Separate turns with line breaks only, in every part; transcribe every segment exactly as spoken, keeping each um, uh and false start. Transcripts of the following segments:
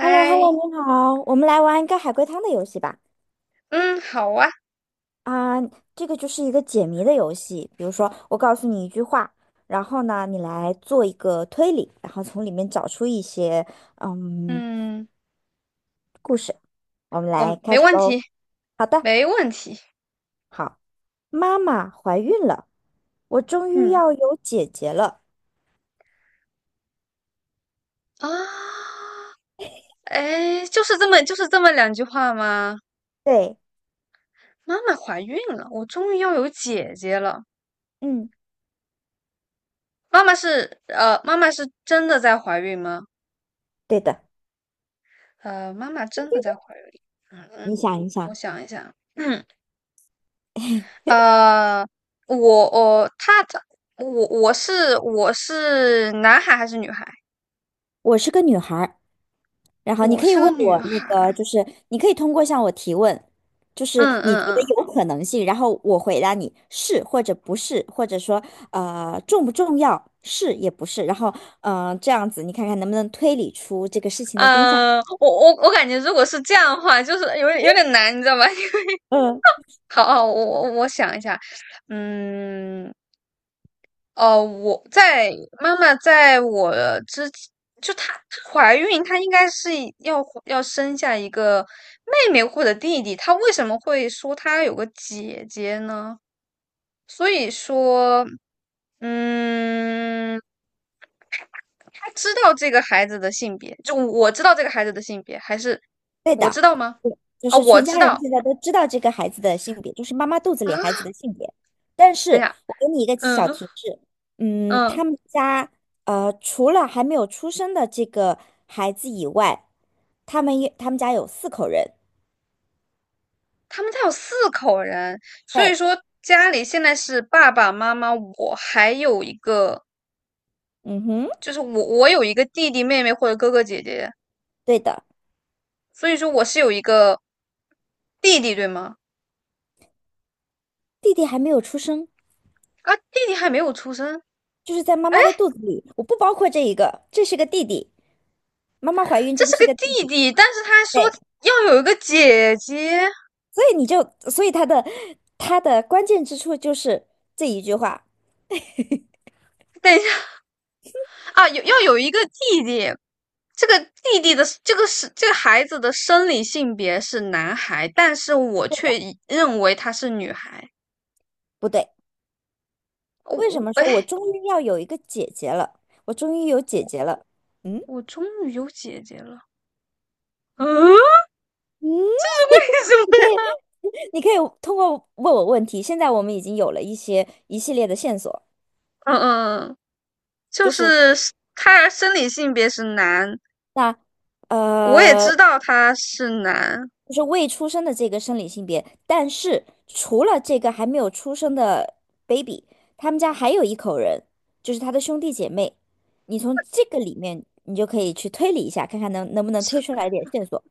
h e l l o h e l l o 你好，我们来玩一个海龟汤的游戏吧。
嗯，好啊。
啊、这个就是一个解谜的游戏，比如说我告诉你一句话，然后呢，你来做一个推理，然后从里面找出一些嗯
嗯，
故事。我们来
我
开
没
始
问
喽。
题，
好的，
没问题
好，妈妈怀孕了，我终于要有姐姐了。
啊。哎，就是这么就是这么两句话吗？
对，
妈妈怀孕了，我终于要有姐姐了。
嗯，
妈妈是呃，妈妈是真的在怀孕吗？
对的，
呃，妈妈真的在怀孕。嗯嗯。
你想一
我
想，
想一想。嗯呃，我我她她我我是我是男孩还是女孩？
我是个女孩儿。然后你
我
可以
是个
问
女
我那
孩。
个，就是你可以通过向我提问，就是
嗯
你
嗯
觉得
嗯。
有可能性，然后我回答你是或者不是，或者说呃重不重要，是也不是，然后嗯、呃这样子你看看能不能推理出这个事情的真相。
嗯、呃我我我感觉如果是这样的话，就是有点有点难，你知道吧？
嗯，
好好，我我我想一下。嗯，哦，我在妈妈在我之前就她她怀孕，她应该是要要生下一个妹妹或者弟弟，她为什么会说她有个姐姐呢？所以说，嗯，他知道这个孩子的性别，就我知道这个孩子的性别，还是
对
我
的。
知道吗？
就
啊、哦
是
我
全
知
家人
道
现在都知道这个孩子的性别，就是妈妈肚子里
啊。
孩子的性别。但
等一
是
下。
我给你一个小
嗯
提示，嗯，
嗯，
他们家呃，除了还没有出生的这个孩子以外，他们也他们家有四口人。
他们家有四口人，所以
对，
说家里现在是爸爸妈妈，我还有一个，
嗯哼，
就是我我有一个弟弟妹妹或者哥哥姐姐，
对的，
所以说我是有一个弟弟，对吗？
弟弟还没有出生，
啊，弟弟还没有出生。
就是在妈妈的肚子里，我不包括这一个，这是个弟弟，妈妈怀孕，
这
这个
是
是
个
个弟
弟
弟。
弟，但是他说
对，
要有一个姐姐。
所以你就，所以他的他的关键之处就是这一句话。
等一下啊，有要有一个弟弟，这个弟弟的这个是这个孩子的生理性别是男孩，但是我
对的，
却认为他是女孩。
不对。
我
为什
我
么
哎，
说我终于要有一个姐姐了？我终于有姐姐了。嗯，
我终于有姐姐了。嗯，为
嗯，
什么？
你可以通过问我问题。现在我们已经有了一些一系列的线索，
嗯嗯，就
就是
是他生理性别是男，
那
我也
呃，
知道他是男。
就是未出生的这个生理性别，但是除了这个还没有出生的 baby，他们家还有一口人，就是他的兄弟姐妹。你从这个里面，你就可以去推理一下，看看能能不能推出
是
来一点线索。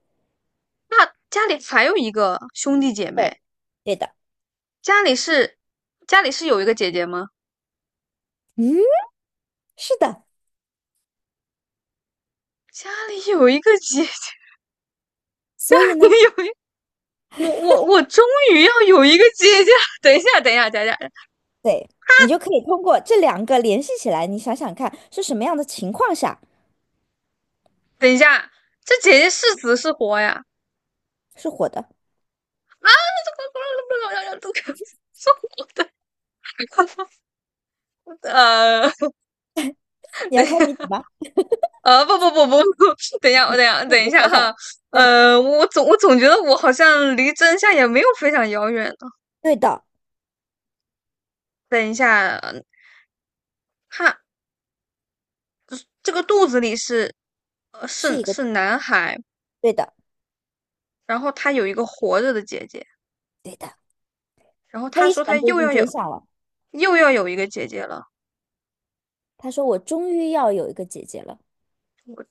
那家里还有一个兄弟姐妹。
对，对的。
家里是家里是有一个姐姐吗？
嗯，是的。
家里有一个姐姐。家
所以
里
呢？
有一我我我终于要有一个姐姐！等一下，等一下，等一下，
对，你就可以通过这两个联系起来，你想想看是什么样的情况下
等一下，这姐姐是死是活呀？
是火的？
是活的。呃，
你
等
要
一
开谜底
下。
吗？
呃，不不不不不，等一下，我等一下，
那你
等一
就猜
下
猜。
哈。
但
呃，我总我总觉得我好像离真相也没有非常遥远呢。
对的，
等一下。他这个肚子里是，呃，
是
是
一个
是男孩，
对的，
然后他有一个活着的姐姐，
对的，
然后他
非
说他
常接
又
近
要有
真相了。
又要有一个姐姐了。
他说：“我终于要有一个姐姐了，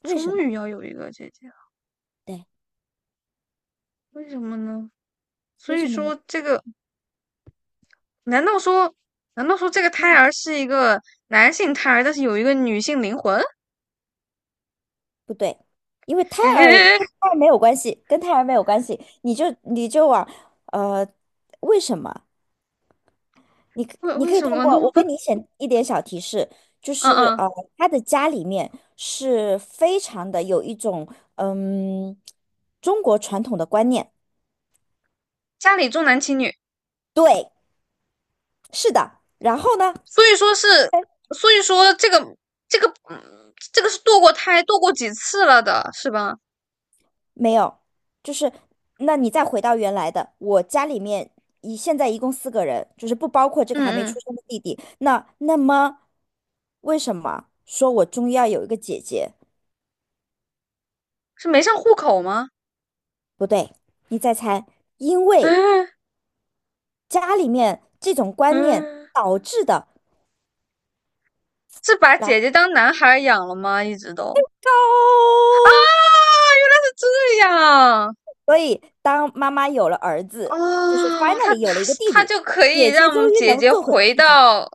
为什
终
么？
于要有一个姐姐了，
对，
为什么呢？所
为
以
什么呢？
说这个，难道说，难道说这个胎
嗯，
儿是一个男性胎儿，但是有一个女性灵魂？
不对，因为 胎儿
哎，
跟胎儿没有关系，跟胎儿没有关系。你就你就往呃，为什么？你可
为
你
为
可以
什
通
么呢？
过我 跟你写一点小提示，就
嗯
是
嗯。
呃，他的家里面是非常的有一种嗯中国传统的观念，
家里重男轻女。
对，是的。然后呢，
所以说是，所以说这个这个，嗯，这个是堕过胎、堕过几次了的，是吧？
没有，就是那你再回到原来的，我家里面一现在一共四个人，就是不包括这个还没
嗯
出
嗯，
生的弟弟。那那么为什么说我终于要有一个姐姐？
是没上户口吗？
不对，你再猜，因 为。
嗯
家里面这种观念
嗯，
导致的
是把
来
姐姐当男孩养了吗？一直都
高，
啊，原来是这样。
所以当妈妈有了儿子，就是
哦，他
finally
他
有了一个弟
他
弟，
就可以
姐姐终
让
于
姐
能
姐
做回
回
自己，
到。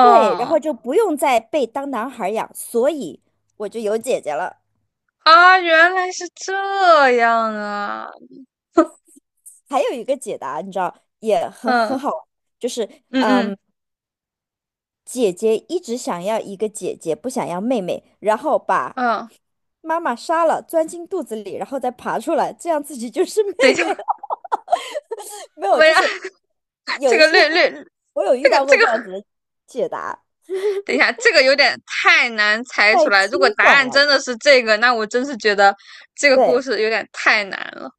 对，然后就不用再被当男孩养，所以我就有姐姐了。
啊，原来是这样啊。
还有一个解答，你知道也很很
嗯
好玩就是
嗯
嗯，
嗯
姐姐一直想要一个姐姐，不想要妹妹，然后把
嗯。
妈妈杀了，钻进肚子里，然后再爬出来，这样自己就是妹
等一下，
妹。没有，
我
就
要
是
这
有一
个
些
略 略，
我有遇
这个
到
这
过这样
个，
子的解答，
等一下，这个有点太难猜
太
出来。如
惊
果答
悚
案真
了。
的是这个，那我真是觉得这个故
对
事有点太难了。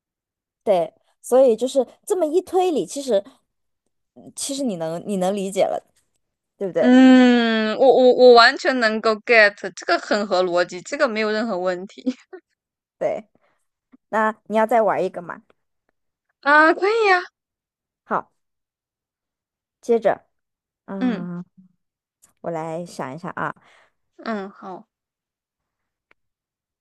对，所以就是这么一推理，其实嗯其实你能你能理解了，对不对？
嗯，我我我完全能够 get，这个很合逻辑，这个没有任何问题。
对，那你要再玩一个嘛？
啊，可以呀、
好，接着，
嗯。
嗯，我来想一下啊。
嗯，好。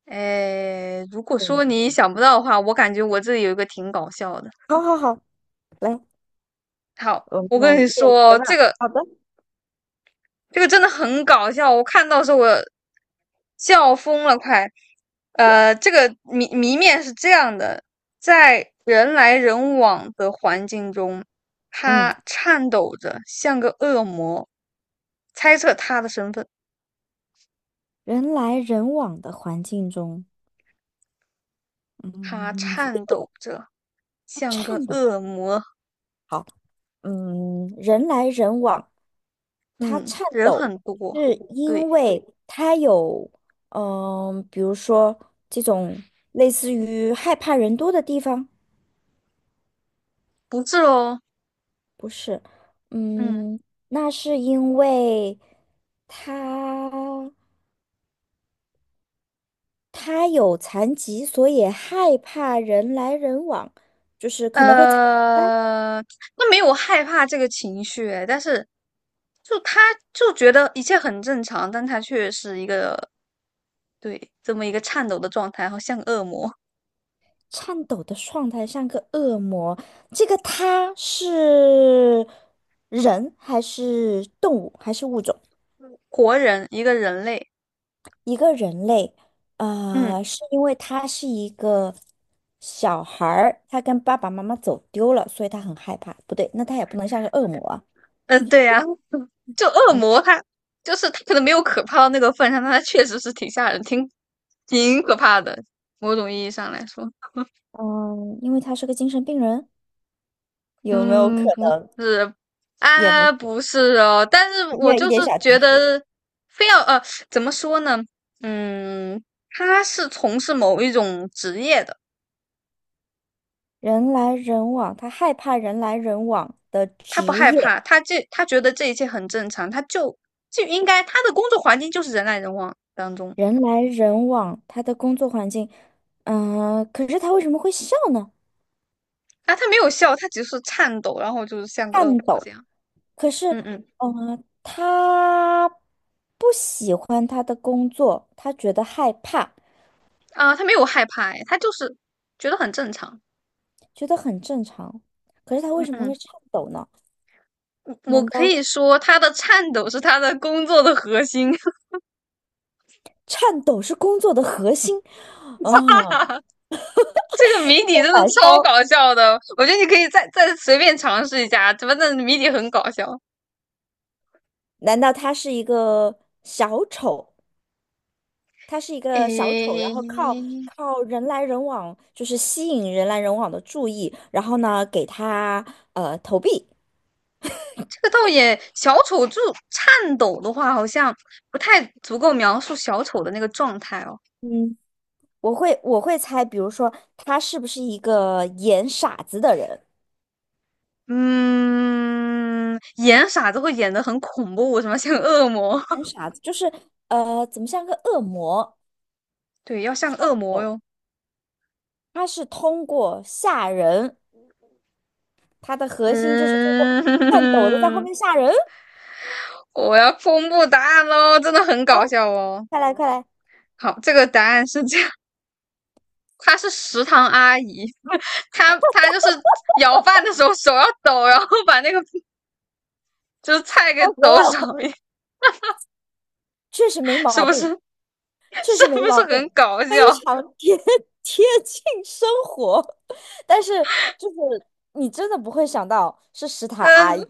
诶，如果说
嗯，
你想不到的话，我感觉我这里有一个挺搞笑的。
好好好，来，
好，
我们
我
来
跟你
验人一个
说，这
round
个
好的。
这个真的很搞笑，我看到的时候我笑疯了，快。呃，这个谜谜面是这样的，在人来人往的环境中，
嗯，
他颤抖着，像个恶魔。猜测他的身份，
人来人往的环境中，
他
嗯，
颤抖着，像个
颤抖。
恶魔。
好，嗯，人来人往。他
嗯，
颤
人
抖
很多。
是
对。
因为他有，嗯、比如说这种类似于害怕人多的地方，
不是哦。
不是，
嗯，
嗯，那是因为他他有残疾，所以害怕人来人往，就是可能会在
呃，那没有害怕这个情绪诶，但是就他就觉得一切很正常，但他却是一个对这么一个颤抖的状态，好像恶魔。
颤抖的状态，像个恶魔。这个他是人还是动物还是物种？
活人，一个人类。
一个人类，
嗯
呃，是因为他是一个小孩儿，他跟爸爸妈妈走丢了，所以他很害怕。不对，那他也不能像个恶魔啊。
嗯，呃对呀、就恶
嗯
魔他就是他可能没有可怕到那个份上，但他确实是挺吓人，挺挺可怕的，某种意义上来说。
嗯，因为他是个精神病人，有没有可
嗯，不
能？
是。
也不
啊，
是，
不是哦，但是
没
我
有一
就是
点小提
觉
示。
得，非要呃，怎么说呢？嗯，他是从事某一种职业的。
人来人往，他害怕人来人往的
他
职
不害
业，
怕，他这他觉得这一切很正常，他就就应该他的工作环境就是人来人往当中。
人来人往，他的工作环境。嗯、可是他为什么会笑呢？
啊，他没有笑，他只是颤抖，然后就是像个恶
颤
魔
抖。
这样。
可是，
嗯嗯。
嗯、他不喜欢他的工作，他觉得害怕，
啊，他没有害怕。哎，他就是觉得很正常。
觉得很正常。可是他为
嗯
什么会
嗯，
颤抖呢？
我我
难
可
道
以说他的颤抖是他的工作的核心，
颤抖是工作的核心？
哈
啊、
哈哈。这个谜底真的
白
超
烧，
搞笑的，我觉得你可以再再随便尝试一下，反正谜底很搞笑。
难道他是一个小丑？他是一个小丑，然
诶，
后靠靠人来人往，就是吸引人来人往的注意，然后呢，给他呃投币。
这个倒也，小丑就颤抖的话，好像不太足够描述小丑的那个状态哦。
嗯，我会我会猜，比如说他是不是一个演傻子的人？
嗯，演傻子会演的很恐怖，什么像恶魔，
演傻子就是呃，怎么像个恶魔？
对，要像恶魔
懂？
哟。
他是通过吓人，他的核心就是通过颤抖的在后
嗯，
面吓人。
我要公布答案喽，真的很搞
哦，
笑哦。
快来快来，笑
好，这个答案是这样。她是食堂阿姨，她她就是舀饭的时候手要抖，然后把那个就是菜给
死
抖
我
手。
了！确实没
是
毛
不是？
病，确
是
实
不
没毛
是很
病，
搞
非
笑？
常贴 贴近生活。但是就是你真的不会想到是食堂阿
嗯，
姨。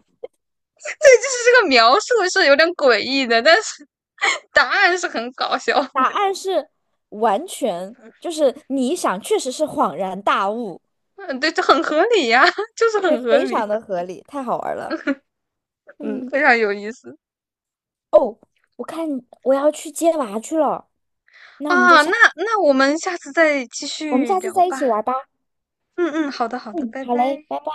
这就是这个描述是有点诡异的，但是 答案是很搞笑。
答 案是完全，就是你一想，确实是恍然大悟，
嗯，对，就很合理呀、啊就是
对，
很合
非常
理。
的合理，太好玩了。
嗯，
嗯，
非常有意思
哦，我看我要去接娃去了，那我们就
啊。
下，
那那我们下次再继
我们
续
下次
聊
再一起
吧。
玩吧。
嗯嗯，好的好的，
嗯，
拜
好嘞，
拜。
拜拜。